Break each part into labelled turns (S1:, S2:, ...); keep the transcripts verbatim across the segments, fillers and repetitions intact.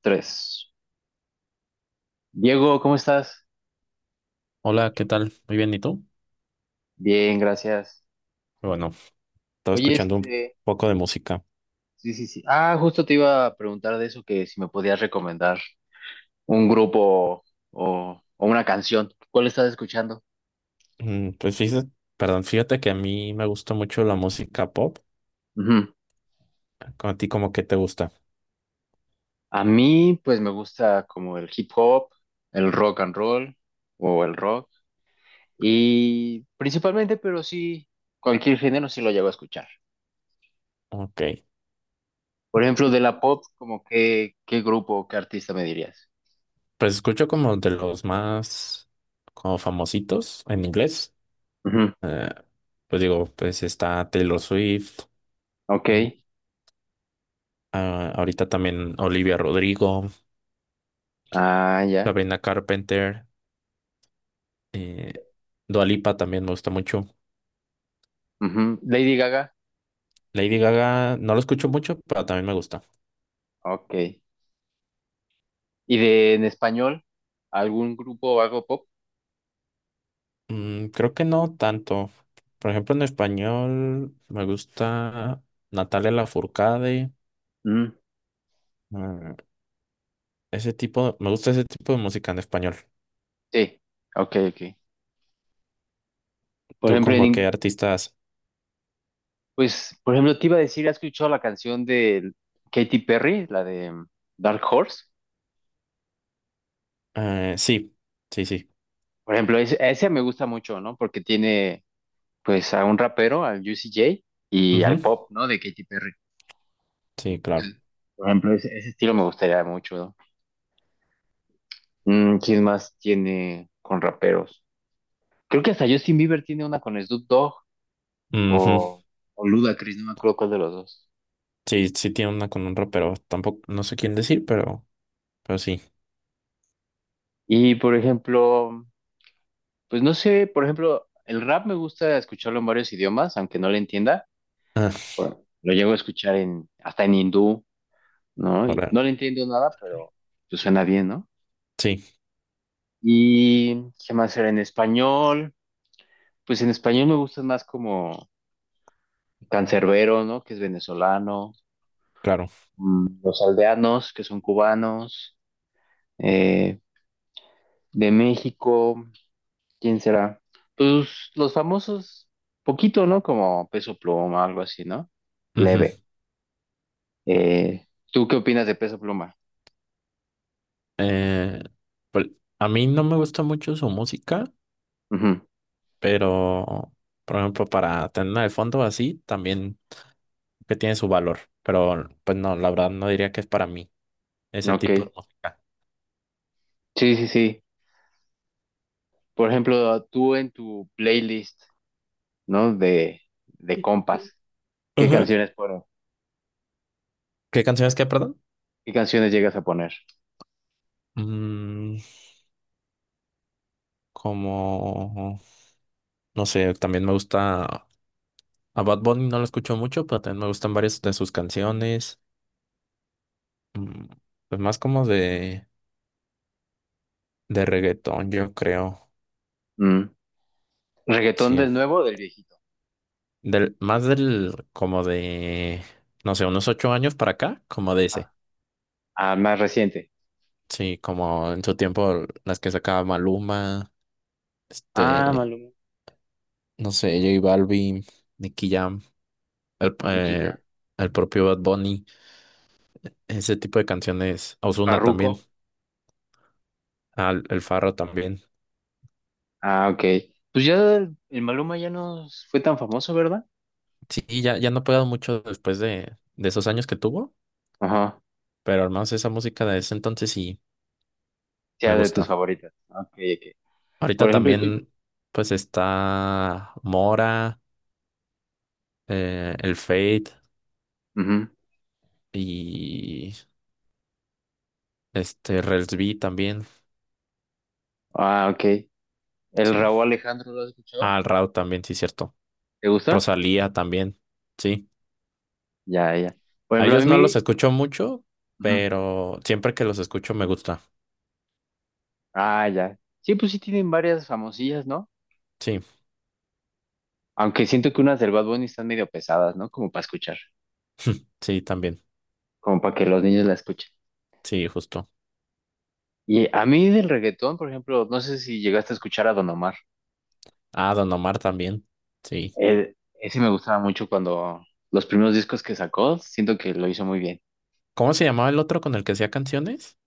S1: Tres. Diego, ¿cómo estás?
S2: Hola, ¿qué tal? Muy bien, ¿y tú?
S1: Bien, gracias.
S2: Bueno, estaba
S1: Oye,
S2: escuchando un
S1: este,
S2: poco de música.
S1: sí, sí, sí. Ah, justo te iba a preguntar de eso, que si me podías recomendar un grupo o, o una canción. ¿Cuál estás escuchando?
S2: Mm, Pues fíjate, perdón, fíjate que a mí me gusta mucho la música pop.
S1: Ujú.
S2: ¿Con a ti como que te gusta?
S1: A mí, pues me gusta como el hip hop, el rock and roll o el rock. Y principalmente, pero sí, cualquier género sí lo llego a escuchar.
S2: Ok.
S1: Por ejemplo, de la pop, como qué, qué grupo, qué artista me dirías.
S2: Pues escucho como de los más como famositos en inglés.
S1: Ujú.
S2: Eh, pues digo, pues está Taylor Swift. mm,
S1: Ok.
S2: ah, ahorita también Olivia Rodrigo.
S1: Ah, ya.
S2: Sabrina Carpenter, eh, Dua Lipa también me gusta mucho.
S1: Ujú. Lady Gaga,
S2: Lady Gaga no lo escucho mucho, pero también me gusta.
S1: ok. ¿Y de en español? ¿Algún grupo o algo pop?
S2: Mm, creo que no tanto. Por ejemplo, en español me gusta Natalia Lafourcade.
S1: Mm,
S2: mm, Ese tipo, me gusta ese tipo de música en español.
S1: Sí, ok, ok. Por
S2: ¿Tú
S1: ejemplo, en
S2: como qué
S1: in-
S2: artistas?
S1: pues, por ejemplo, te iba a decir, ¿has escuchado la canción de Katy Perry, la de mm, Dark Horse?
S2: Eh, sí, sí, sí.
S1: Por ejemplo, es- esa me gusta mucho, ¿no? Porque tiene, pues, a un rapero, al Juicy J, y al
S2: Ujú,
S1: pop, ¿no? De Katy Perry.
S2: sí, claro.
S1: Sí. Por ejemplo, ese, ese estilo me gustaría mucho, ¿no? Mm, ¿quién más tiene con raperos? Creo que hasta Justin Bieber tiene una con Snoop Dogg.
S2: Ujú,
S1: o, o Ludacris, no me acuerdo cuál de los dos.
S2: sí, sí tiene una con un pero tampoco, no sé quién decir, pero, pero sí.
S1: Y por ejemplo, pues no sé, por ejemplo, el rap me gusta escucharlo en varios idiomas, aunque no le entienda.
S2: Ah,
S1: Bueno, lo llego a escuchar en, hasta en hindú, ¿no? Y
S2: ahora,
S1: no le entiendo nada, pero pues suena bien, ¿no?
S2: sí,
S1: Y qué más era en español. Pues en español me gustan más como Cancerbero, ¿no? Que es venezolano,
S2: claro.
S1: mm, Los Aldeanos, que son cubanos, eh, de México. ¿Quién será? Pues los famosos, poquito, ¿no? Como Peso Pluma, algo así, ¿no?
S2: Ujú.
S1: Leve. Eh, ¿tú qué opinas de Peso Pluma?
S2: Eh, pues, a mí no me gusta mucho su música,
S1: Ujú.
S2: pero, por ejemplo, para tener de fondo así, también que tiene su valor. Pero, pues no, la verdad no diría que es para mí ese
S1: Ok.
S2: tipo de música.
S1: Sí, sí, sí. Por ejemplo, tú en tu playlist, ¿no? De, de compas, ¿qué
S2: Ajá.
S1: canciones pones?
S2: ¿Qué canciones que, perdón?
S1: ¿Qué canciones llegas a poner?
S2: Mm, como, no sé, también me gusta, a Bad Bunny no lo escucho mucho, pero también me gustan varias de sus canciones. Mm, pues más como de, de reggaetón, yo creo.
S1: Mm. ¿Reggaetón
S2: Sí,
S1: del nuevo o del viejito?
S2: Del, más del, como de, no sé, unos ocho años para acá, como de ese.
S1: Ah, ah, más reciente.
S2: Sí, como en su tiempo las que sacaba Maluma,
S1: Ah,
S2: este,
S1: Maluma.
S2: no sé, J Balvin, Nicky Jam, el,
S1: Nicky
S2: eh,
S1: Jam.
S2: el propio Bad Bunny, ese tipo de canciones. Ozuna
S1: Farruko.
S2: también, al, el Farro también.
S1: Ah, ok. Pues ya el, el Maluma ya no fue tan famoso, ¿verdad?
S2: Sí, ya, ya no he pegado mucho después de, de esos años que tuvo,
S1: Ajá,
S2: pero al menos esa música de ese entonces sí me
S1: sea de tus
S2: gusta.
S1: favoritas. Ok, ok. Por
S2: Ahorita
S1: ejemplo, estoy.
S2: también, pues está Mora. Eh, el Fade
S1: Ujú.
S2: y este Rels B también,
S1: Ah, ok. ¿El
S2: sí.
S1: Raúl Alejandro lo has escuchado?
S2: Ah, el Rauw también, sí, cierto.
S1: ¿Te gusta?
S2: Rosalía también, sí.
S1: Ya, ya. Por
S2: A
S1: ejemplo, a
S2: ellos no los
S1: mí.
S2: escucho mucho,
S1: Ujú.
S2: pero siempre que los escucho me gusta.
S1: Ah, ya. Sí, pues sí tienen varias famosillas, ¿no?
S2: Sí,
S1: Aunque siento que unas del Bad Bunny están medio pesadas, ¿no? Como para escuchar.
S2: sí, también.
S1: Como para que los niños la escuchen.
S2: Sí, justo.
S1: Y a mí del reggaetón, por ejemplo, no sé si llegaste a escuchar a Don Omar.
S2: Ah, Don Omar también, sí.
S1: El- ese me gustaba mucho cuando los primeros discos que sacó, siento que lo hizo muy bien.
S2: ¿Cómo se llamaba el otro con el que hacía canciones?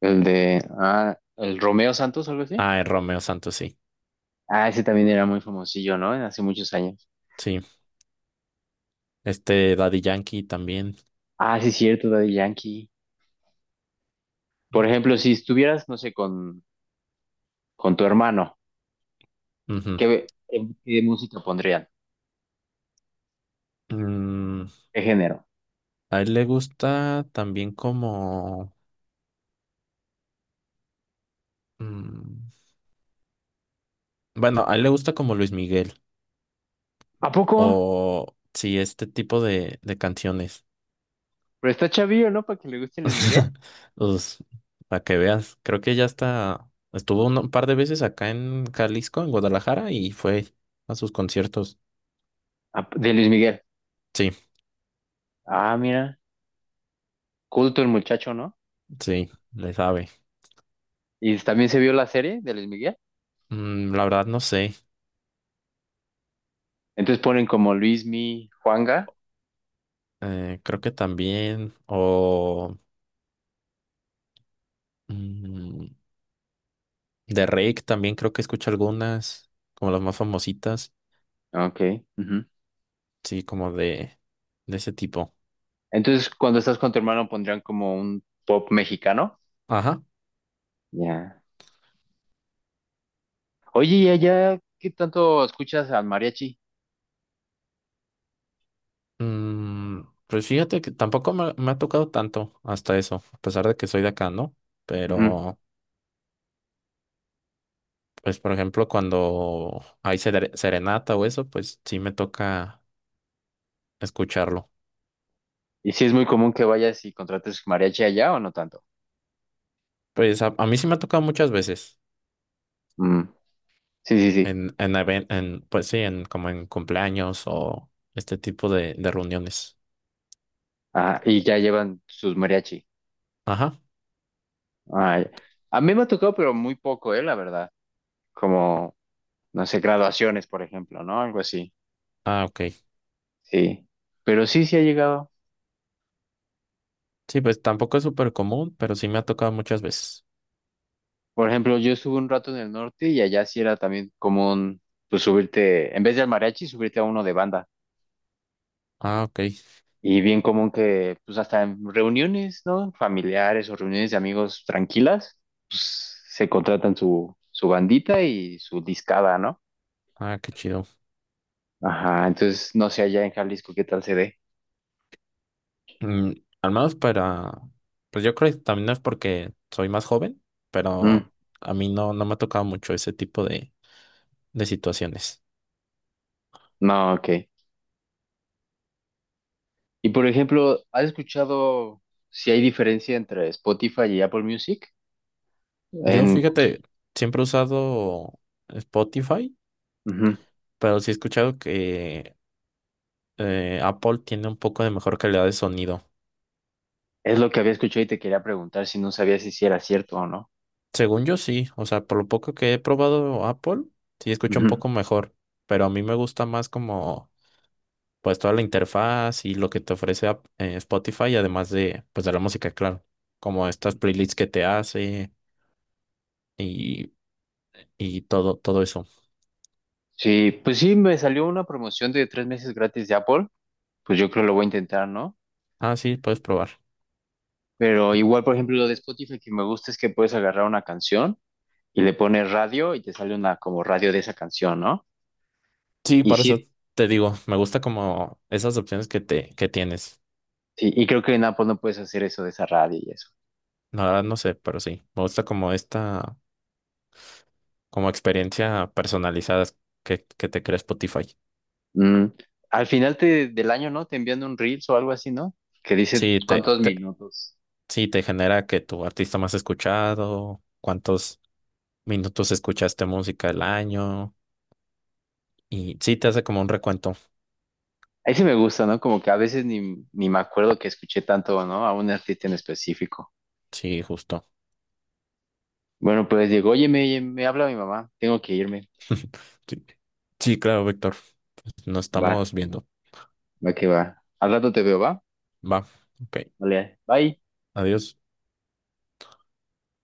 S1: El de, ah, el Romeo Santos, algo así.
S2: Ah, el Romeo Santos, sí.
S1: Ah, ese también era muy famosillo, ¿no? Hace muchos años.
S2: Sí. Este Daddy Yankee también.
S1: Ah, sí, cierto, Daddy Yankee. Por ejemplo, si estuvieras, no sé, con, con tu hermano,
S2: Ujú.
S1: ¿qué, qué- ¿qué música pondrían?
S2: Mm,
S1: ¿Qué género?
S2: a él le gusta también como... mm, Bueno, a él le gusta como Luis Miguel
S1: ¿A poco?
S2: o sí, este tipo de, de canciones.
S1: Pero está chavillo, ¿no? Para que le guste Luis Miguel.
S2: Pues, para que veas, creo que ya está, estuvo un par de veces acá en Jalisco, en Guadalajara, y fue a sus conciertos.
S1: Ah, de Luis Miguel.
S2: Sí,
S1: Ah, mira, culto el muchacho, ¿no?
S2: sí, le sabe.
S1: Y también se vio la serie de Luis Miguel.
S2: Mm, la verdad no sé,
S1: Entonces ponen como Luismi, Juanga.
S2: eh, creo que también, o mm, de Rake también creo que escucho algunas, como las más famositas,
S1: Ok. Ujú.
S2: sí, como de, de ese tipo.
S1: Entonces, cuando estás con tu hermano, pondrían como un pop mexicano.
S2: Ajá.
S1: Ya. Oye, ¿y allá qué tanto escuchas al mariachi?
S2: Mm, pues fíjate que tampoco me, me ha tocado tanto hasta eso, a pesar de que soy de acá, ¿no?
S1: Ujú.
S2: Pero, pues, por ejemplo, cuando hay sere- serenata o eso, pues sí me toca escucharlo.
S1: Y si es muy común que vayas y contrates mariachi allá o no tanto.
S2: Pues a, a mí sí me ha tocado muchas veces,
S1: Mm. Sí, sí, sí.
S2: en, en, even- en, pues sí, en, como en cumpleaños o este tipo de, de reuniones.
S1: Ah, y ya llevan sus mariachi.
S2: Ajá,
S1: Ay. A mí me ha tocado, pero muy poco, eh, la verdad. Como, no sé, graduaciones, por ejemplo, ¿no? Algo así.
S2: ah, ok.
S1: Sí. Pero sí, sí ha llegado.
S2: Sí, pues tampoco es súper común, pero sí me ha tocado muchas veces.
S1: Por ejemplo, yo estuve un rato en el norte y allá sí era también común, pues subirte, en vez del mariachi, subirte a uno de banda.
S2: Ah, ok.
S1: Y bien común que, pues hasta en reuniones, ¿no? Familiares o reuniones de amigos tranquilas, pues se contratan su, su bandita y su discada, ¿no?
S2: Ah, qué chido.
S1: Ajá, entonces no sé allá en Jalisco qué tal se dé.
S2: Mm, al menos para, pues yo creo que también no es porque soy más joven,
S1: Mm,
S2: pero a mí no, no me ha tocado mucho ese tipo de, de situaciones.
S1: no, ok. Y por ejemplo, ¿has escuchado si hay diferencia entre Spotify y Apple Music?
S2: Yo,
S1: En,
S2: fíjate, siempre he usado Spotify,
S1: ujú.
S2: pero sí he escuchado que eh, Apple tiene un poco de mejor calidad de sonido.
S1: Es lo que había escuchado y te quería preguntar si no sabías si sí era cierto o no.
S2: Según yo sí, o sea, por lo poco que he probado Apple, sí escucho un
S1: Ujú.
S2: poco mejor, pero a mí me gusta más como pues toda la interfaz y lo que te ofrece Ap- eh, Spotify, además de, pues de la música, claro, como estas playlists que te hace y, y todo, todo eso.
S1: Sí, pues sí, me salió una promoción de tres meses gratis de Apple, pues yo creo lo voy a intentar, ¿no?
S2: Ah, sí, puedes probar.
S1: Pero igual, por ejemplo, lo de Spotify que me gusta es que puedes agarrar una canción y le pones radio y te sale una como radio de esa canción, ¿no?
S2: Sí,
S1: Y
S2: para eso
S1: sí,
S2: te digo, me gusta como esas opciones que te, que tienes.
S1: sí, y creo que en Apple no puedes hacer eso de esa radio y eso.
S2: La verdad no sé, pero sí, me gusta como esta, como experiencia personalizada que, que te crea Spotify.
S1: Mm, Al final te- del año, ¿no? Te envían un Reels o algo así, ¿no? Que dice
S2: Sí, te,
S1: cuántos
S2: te,
S1: minutos.
S2: sí, te genera que tu artista más escuchado, cuántos minutos escuchaste música el año. Y sí, te hace como un recuento.
S1: Ahí sí me gusta, ¿no? Como que a veces ni, ni me acuerdo que escuché tanto, ¿no? A un artista en específico.
S2: Sí, justo.
S1: Bueno, pues digo, oye, me, me habla mi mamá, tengo que irme.
S2: Sí, sí, claro, Víctor. Nos
S1: Va,
S2: estamos viendo.
S1: va que va. Al rato te veo, ¿va?
S2: Va. Ok.
S1: Vale, bye.
S2: Adiós.